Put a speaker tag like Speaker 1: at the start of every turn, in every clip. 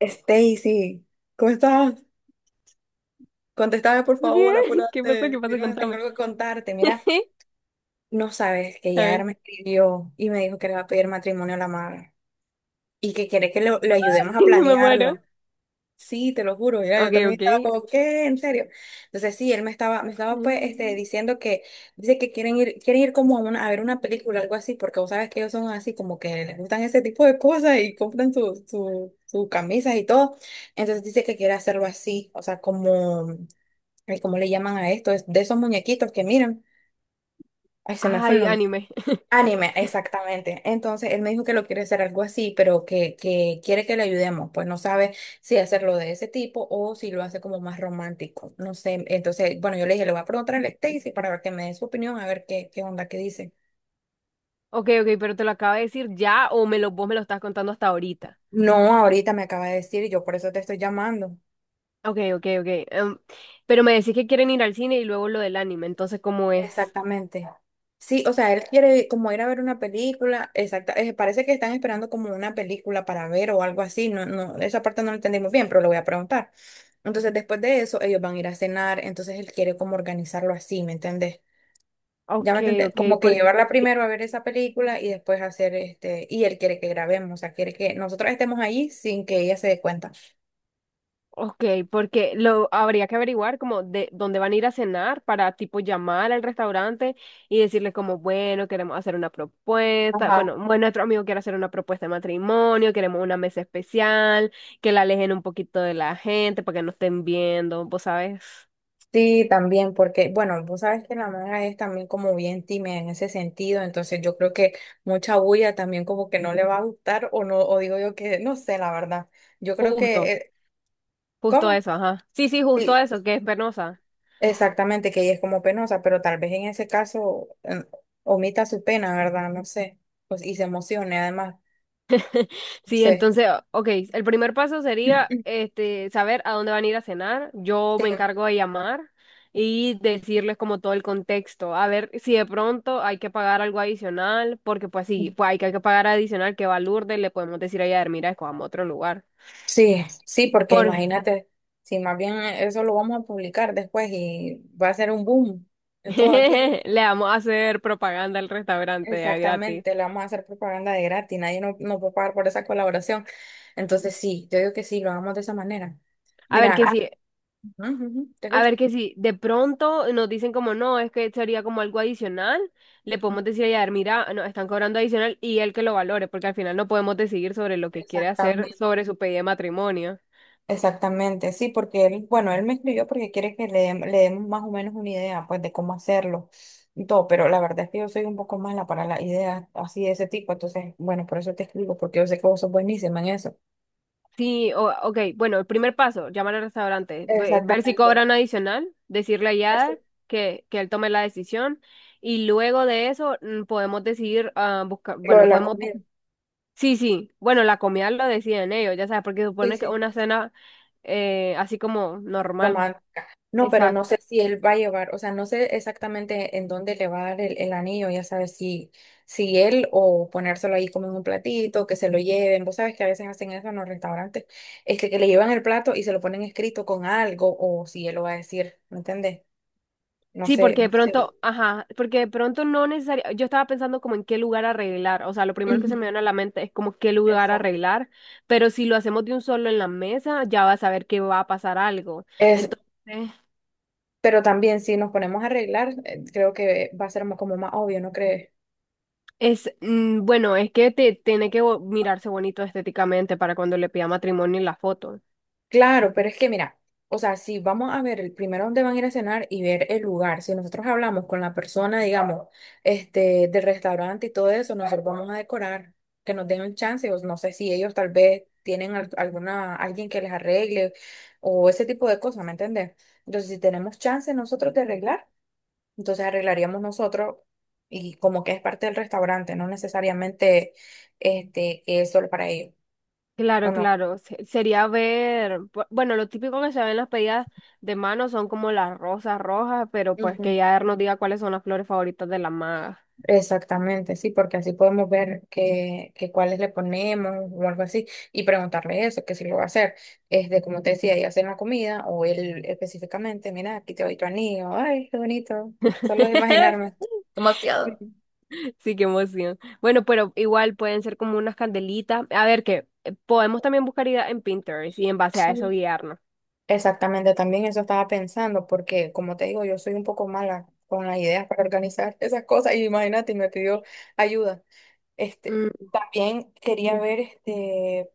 Speaker 1: Stacy, ¿cómo estás? Contéstame, por
Speaker 2: Bien,
Speaker 1: favor,
Speaker 2: ¿qué pasa? ¿Qué
Speaker 1: apúrate.
Speaker 2: pasa?
Speaker 1: Mira, tengo
Speaker 2: Contame.
Speaker 1: algo que contarte. Mira, no sabes que
Speaker 2: A
Speaker 1: Yader
Speaker 2: ver,
Speaker 1: me escribió y me dijo que le va a pedir matrimonio a la madre y que quiere que lo ayudemos a
Speaker 2: me muero.
Speaker 1: planearlo. Sí, te lo juro, mira, yo
Speaker 2: Ok,
Speaker 1: también
Speaker 2: ok.
Speaker 1: estaba como, ¿qué? ¿En serio? Entonces sí, me estaba pues
Speaker 2: Mm.
Speaker 1: diciendo que, dice que quieren ir como a, a ver una película, algo así, porque vos sabes que ellos son así, como que les gustan ese tipo de cosas y compran su camisas y todo. Entonces dice que quiere hacerlo así, o sea, como, ay, ¿cómo le llaman a esto? Es de esos muñequitos que miran. Ay, se me fue el
Speaker 2: Ay,
Speaker 1: nombre.
Speaker 2: anime.
Speaker 1: Anime, exactamente. Entonces él me dijo que lo quiere hacer algo así, pero que quiere que le ayudemos. Pues no sabe si hacerlo de ese tipo o si lo hace como más romántico. No sé. Entonces, bueno, yo le dije, le voy a preguntar a Stacy para ver que me dé su opinión, a ver qué onda, qué dice.
Speaker 2: Ok, ok, pero te lo acabo de decir ya o vos me lo estás contando hasta ahorita.
Speaker 1: No, ahorita me acaba de decir y yo por eso te estoy llamando.
Speaker 2: Ok, ok, ok. Pero me decís que quieren ir al cine y luego lo del anime, entonces, ¿cómo es?
Speaker 1: Exactamente. Sí, o sea, él quiere como ir a ver una película, exacta, parece que están esperando como una película para ver o algo así, esa parte no la entendimos bien, pero lo voy a preguntar. Entonces, después de eso, ellos van a ir a cenar, entonces él quiere como organizarlo así, ¿me entendés? Ya
Speaker 2: Ok,
Speaker 1: me entendés,
Speaker 2: ok,
Speaker 1: como que llevarla
Speaker 2: sí.
Speaker 1: primero a ver esa película y después hacer y él quiere que grabemos, o sea, quiere que nosotros estemos ahí sin que ella se dé cuenta.
Speaker 2: Ok, porque lo habría que averiguar como de dónde van a ir a cenar para tipo llamar al restaurante y decirle como, bueno, queremos hacer una propuesta,
Speaker 1: Ajá.
Speaker 2: bueno, nuestro amigo quiere hacer una propuesta de matrimonio, queremos una mesa especial, que la alejen un poquito de la gente para que no estén viendo, vos sabes.
Speaker 1: Sí, también, porque, bueno, vos sabes que la maga es también como bien tímida en ese sentido, entonces yo creo que mucha bulla también como que no le va a gustar o no, o digo yo que, no sé, la verdad. Yo creo
Speaker 2: justo,
Speaker 1: que,
Speaker 2: Justo
Speaker 1: ¿cómo?
Speaker 2: eso, ajá. Sí, sí, justo
Speaker 1: Sí,
Speaker 2: eso, que es penosa.
Speaker 1: exactamente, que ella es como penosa, pero tal vez en ese caso omita su pena, ¿verdad? No sé, pues, y se emocione además, no
Speaker 2: Sí,
Speaker 1: sé.
Speaker 2: entonces, ok, el primer paso sería este: saber a dónde van a ir a cenar. Yo
Speaker 1: Sí.
Speaker 2: me encargo de llamar y decirles como todo el contexto, a ver si de pronto hay que pagar algo adicional, porque pues sí, hay que pagar adicional. Que va Lourdes, le podemos decir a ella: mira, escojamos otro lugar.
Speaker 1: Sí, sí, porque
Speaker 2: Por
Speaker 1: imagínate, si más bien eso lo vamos a publicar después y va a ser un boom en todo aquí.
Speaker 2: Le vamos a hacer propaganda al restaurante ya gratis.
Speaker 1: Exactamente, le vamos a hacer propaganda de gratis, nadie no, no puede pagar por esa colaboración. Entonces sí, yo digo que sí, lo hagamos de esa manera.
Speaker 2: A ver que
Speaker 1: Mira,
Speaker 2: sí.
Speaker 1: ujú, ujú, te
Speaker 2: A
Speaker 1: escucho.
Speaker 2: ver que si de pronto nos dicen como no, es que sería como algo adicional, le podemos decir a Yadar: mira, no, están cobrando adicional, y él que lo valore, porque al final no podemos decidir sobre lo que quiere hacer
Speaker 1: Exactamente,
Speaker 2: sobre su pedido de matrimonio.
Speaker 1: exactamente, sí, porque él, bueno, él me escribió porque quiere que le, le demos más o menos una idea, pues, de cómo hacerlo y todo, pero la verdad es que yo soy un poco mala para las ideas así de ese tipo, entonces, bueno, por eso te escribo, porque yo sé que vos sos buenísima en eso.
Speaker 2: Ok, bueno, el primer paso: llamar al restaurante, ver si
Speaker 1: Exactamente,
Speaker 2: cobran adicional, decirle a
Speaker 1: eso,
Speaker 2: Yadar que él tome la decisión, y luego de eso podemos decidir ah, buscar,
Speaker 1: lo de
Speaker 2: bueno,
Speaker 1: la
Speaker 2: podemos, bu-
Speaker 1: comida.
Speaker 2: sí, sí, bueno, la comida lo deciden ellos, ya sabes, porque
Speaker 1: Sí,
Speaker 2: supone
Speaker 1: sí.
Speaker 2: que una cena así como normal.
Speaker 1: Romántica. No, pero no sé
Speaker 2: Exacto.
Speaker 1: si él va a llevar, o sea, no sé exactamente en dónde le va a dar el anillo, ya sabes, si, si él o ponérselo ahí como en un platito, que se lo lleven. Vos sabes que a veces hacen eso en los restaurantes, que le llevan el plato y se lo ponen escrito con algo, o si él lo va a decir, ¿me entendés? No
Speaker 2: Sí, porque
Speaker 1: sé,
Speaker 2: de
Speaker 1: no sé.
Speaker 2: pronto, ajá, porque de pronto no necesariamente. Yo estaba pensando como en qué lugar arreglar, o sea, lo primero que
Speaker 1: Ujú.
Speaker 2: se me viene a la mente es como qué lugar
Speaker 1: Exacto.
Speaker 2: arreglar, pero si lo hacemos de un solo en la mesa, ya vas a ver que va a pasar algo.
Speaker 1: Es,
Speaker 2: Entonces,
Speaker 1: pero también si nos ponemos a arreglar, creo que va a ser como más obvio, ¿no crees?
Speaker 2: bueno, tiene que mirarse bonito estéticamente para cuando le pida matrimonio en la foto.
Speaker 1: Claro, pero es que mira, o sea, si vamos a ver el primero dónde van a ir a cenar y ver el lugar, si nosotros hablamos con la persona, digamos, del restaurante y todo eso, nosotros vamos a decorar, que nos den un chance, o no sé si ellos tal vez tienen alguna, alguien que les arregle o ese tipo de cosas, ¿me entiendes? Entonces, si tenemos chance nosotros de arreglar, entonces arreglaríamos nosotros y como que es parte del restaurante, no necesariamente que es solo para ellos, ¿o
Speaker 2: Claro, claro, sería ver, bueno, lo típico que se ve en las pedidas de mano son como las rosas rojas, pero pues
Speaker 1: no?
Speaker 2: que ya nos diga cuáles son las flores favoritas de la maga.
Speaker 1: Exactamente, sí, porque así podemos ver que cuáles le ponemos o algo así y preguntarle eso, que si lo va a hacer, es de como te decía, ella hacer la comida o él específicamente, mira, aquí te doy tu anillo, ay, qué bonito, solo de imaginarme.
Speaker 2: Sí,
Speaker 1: Demasiado.
Speaker 2: sí, qué emoción. Bueno, pero igual pueden ser como unas candelitas. A ver, que podemos también buscar ideas en Pinterest y en base a eso
Speaker 1: Sí,
Speaker 2: guiarnos.
Speaker 1: exactamente, también eso estaba pensando, porque como te digo, yo soy un poco mala con las ideas para organizar esas cosas y imagínate, y me pidió ayuda. Este,
Speaker 2: Mm.
Speaker 1: también quería ver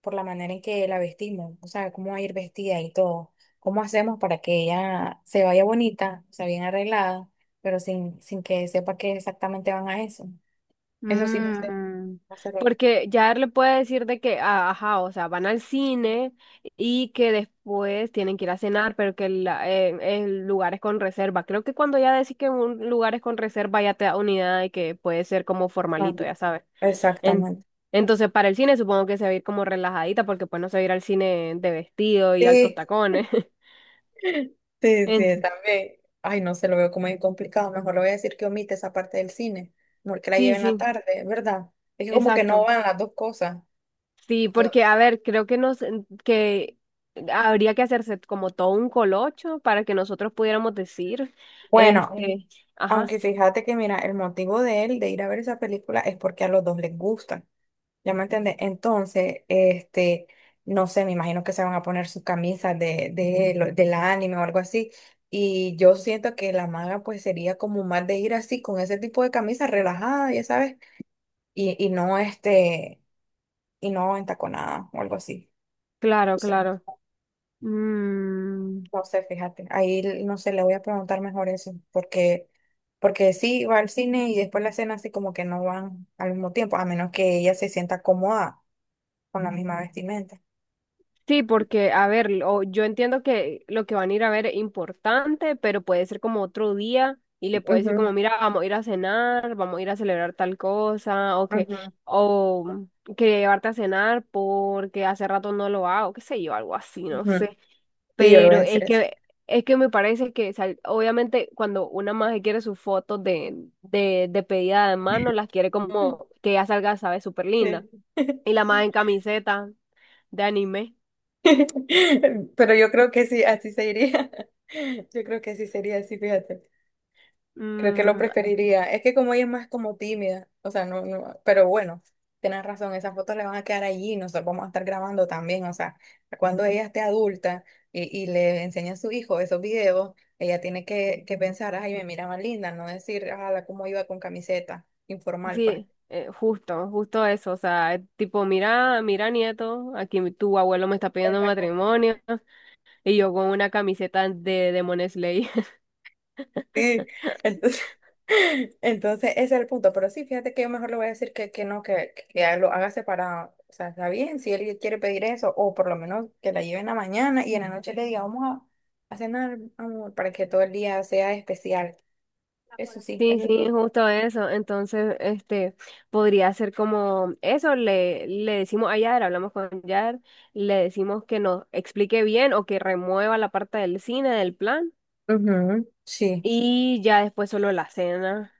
Speaker 1: por la manera en que la vestimos, o sea, cómo va a ir vestida y todo. ¿Cómo hacemos para que ella se vaya bonita, o sea, bien arreglada, pero sin que sepa que exactamente van a eso? Eso sí, no sé.
Speaker 2: Mm.
Speaker 1: Va a ser lo-
Speaker 2: Porque ya él le puede decir de que, ah, ajá, o sea, van al cine y que después tienen que ir a cenar, pero que el lugar es con reserva. Creo que cuando ya decís que un lugar es con reserva, ya te da una idea de que puede ser como
Speaker 1: Ah,
Speaker 2: formalito, ya sabes. En-
Speaker 1: exactamente.
Speaker 2: entonces, para el cine supongo que se va a ir como relajadita, porque pues no se va a ir al cine de vestido y altos
Speaker 1: Sí,
Speaker 2: tacones.
Speaker 1: sí, sí,
Speaker 2: En-
Speaker 1: también. Ay, no se lo veo como muy complicado. Mejor le voy a decir que omite esa parte del cine. Mejor que la
Speaker 2: sí,
Speaker 1: lleve en la
Speaker 2: sí,
Speaker 1: tarde, ¿verdad? Es que como que no
Speaker 2: exacto.
Speaker 1: van las dos cosas.
Speaker 2: Sí,
Speaker 1: Yo-
Speaker 2: porque a ver, creo que nos que habría que hacerse como todo un colocho para que nosotros pudiéramos decir,
Speaker 1: Bueno.
Speaker 2: este, ajá,
Speaker 1: Aunque fíjate que, mira, el motivo de él de ir a ver esa película es porque a los dos les gustan. ¿Ya me entiendes? Entonces, no sé, me imagino que se van a poner sus camisas del anime o algo así. Y yo siento que la maga, pues, sería como más de ir así, con ese tipo de camisa relajada, ya sabes, y no y no entaconada o algo así.
Speaker 2: claro, claro. Mm.
Speaker 1: No sé, fíjate, ahí l- no sé, le voy a preguntar mejor eso, porque, porque sí va al cine y después la cena así como que no van al mismo tiempo, a menos que ella se sienta cómoda con la misma vestimenta.
Speaker 2: Sí, porque, a ver, o yo entiendo que lo que van a ir a ver es importante, pero puede ser como otro día, y le puede decir como: mira, vamos a ir a cenar, vamos a ir a celebrar tal cosa, o que,
Speaker 1: Ujú, ujú,
Speaker 2: o quería llevarte a cenar porque hace rato no lo hago, qué sé yo, algo así, no
Speaker 1: ujú.
Speaker 2: sé.
Speaker 1: Sí, yo le voy a
Speaker 2: Pero
Speaker 1: decir
Speaker 2: es
Speaker 1: eso.
Speaker 2: que, es que me parece que, obviamente, cuando una maje quiere sus fotos de pedida de mano, las quiere como que ya salga, sabe, súper linda.
Speaker 1: Sí.
Speaker 2: Y la maje en camiseta de anime.
Speaker 1: Pero yo creo que sí, así se iría. Yo creo que sí sería así, fíjate. Creo que lo
Speaker 2: mm,
Speaker 1: preferiría. Es que como ella es más como tímida, o sea, no, no, pero bueno, tienes razón, esas fotos le van a quedar allí, nosotros vamos a estar grabando también, o sea, cuando ella esté adulta y le enseña a su hijo esos videos, ella tiene que pensar, ay, me mira más linda, no decir, ala, cómo iba con camiseta informal, pues.
Speaker 2: Sí, justo eso, o sea, es tipo: mira, mira, nieto, aquí tu abuelo me está pidiendo
Speaker 1: Exactamente.
Speaker 2: matrimonio y yo con una camiseta de Demon Slayer.
Speaker 1: Sí, entonces, entonces ese es el punto. Pero sí, fíjate que yo mejor le voy a decir que no, que lo haga separado. O sea, está bien si él quiere pedir eso, o por lo menos que la lleve en la mañana y en la noche le diga, vamos a cenar, amor, para que todo el día sea especial. Eso sí,
Speaker 2: Sí,
Speaker 1: eso sí.
Speaker 2: sí, justo eso. Entonces, este, podría ser como eso, le decimos a Yar, hablamos con Yar, le decimos que nos explique bien o que remueva la parte del cine del plan
Speaker 1: Ujú, sí,
Speaker 2: y ya después solo la cena.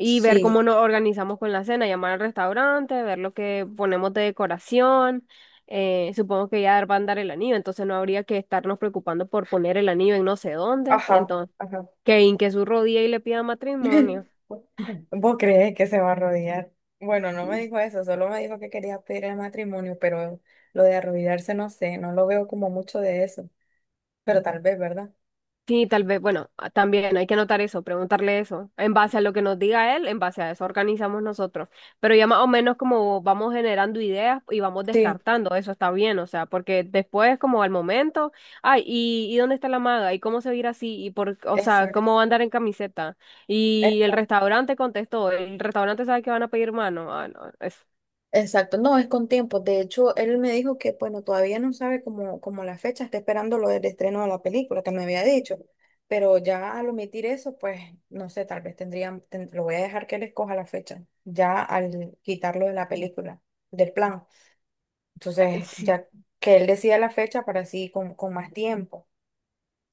Speaker 2: Y ver
Speaker 1: sí,
Speaker 2: cómo nos organizamos con la cena, llamar al restaurante, ver lo que ponemos de decoración. Supongo que ya van a dar el anillo, entonces no habría que estarnos preocupando por poner el anillo en no sé dónde.
Speaker 1: ajá,
Speaker 2: Entonces,
Speaker 1: ajá.
Speaker 2: que hinque su rodilla y le pida matrimonio.
Speaker 1: ¿Vos crees que se va a arrodillar? Bueno, no me dijo eso, solo me dijo que quería pedir el matrimonio, pero lo de arrodillarse no sé, no lo veo como mucho de eso. Pero tal vez, ¿verdad?
Speaker 2: Sí, tal vez, bueno, también hay que anotar eso, preguntarle eso. En base a lo que nos diga él, en base a eso organizamos nosotros. Pero ya más o menos como vamos generando ideas y vamos
Speaker 1: Sí,
Speaker 2: descartando, eso está bien, o sea, porque después como al momento: ay, ¿y dónde está la maga? ¿Y cómo se va a ir así? ¿Y por, o sea,
Speaker 1: exacto.
Speaker 2: cómo va a andar en camiseta?
Speaker 1: eh,
Speaker 2: Y el restaurante contestó, el restaurante sabe que van a pedir mano. Ah, no, es,
Speaker 1: Exacto, no, es con tiempo. De hecho, él me dijo que, bueno, todavía no sabe cómo, cómo la fecha, está esperando lo del estreno de la película que me había dicho. Pero ya al omitir eso, pues, no sé, tal vez tendría, ten- lo voy a dejar que él escoja la fecha, ya al quitarlo de la película, del plan. Entonces,
Speaker 2: Sí.
Speaker 1: ya que él decida la fecha para así con más tiempo.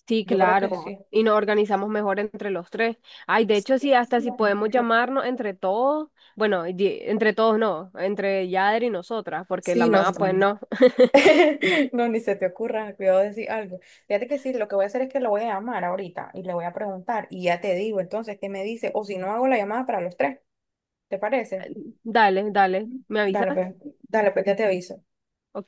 Speaker 2: Sí,
Speaker 1: Yo creo que
Speaker 2: claro.
Speaker 1: sí.
Speaker 2: Y nos organizamos mejor entre los tres. Ay, de hecho,
Speaker 1: Sí,
Speaker 2: sí, hasta si podemos llamarnos entre todos. Bueno, y- Entre todos no, entre Yader y nosotras, porque la
Speaker 1: sí, no.
Speaker 2: mamá, pues no.
Speaker 1: No, ni se te ocurra, cuidado de decir algo. Fíjate que sí, lo que voy a hacer es que lo voy a llamar ahorita y le voy a preguntar y ya te digo entonces qué me dice o si no hago la llamada para los tres, ¿te parece?
Speaker 2: Dale, dale. ¿Me
Speaker 1: Dale,
Speaker 2: avisas?
Speaker 1: pues, dale, pues ya te aviso.
Speaker 2: Ok.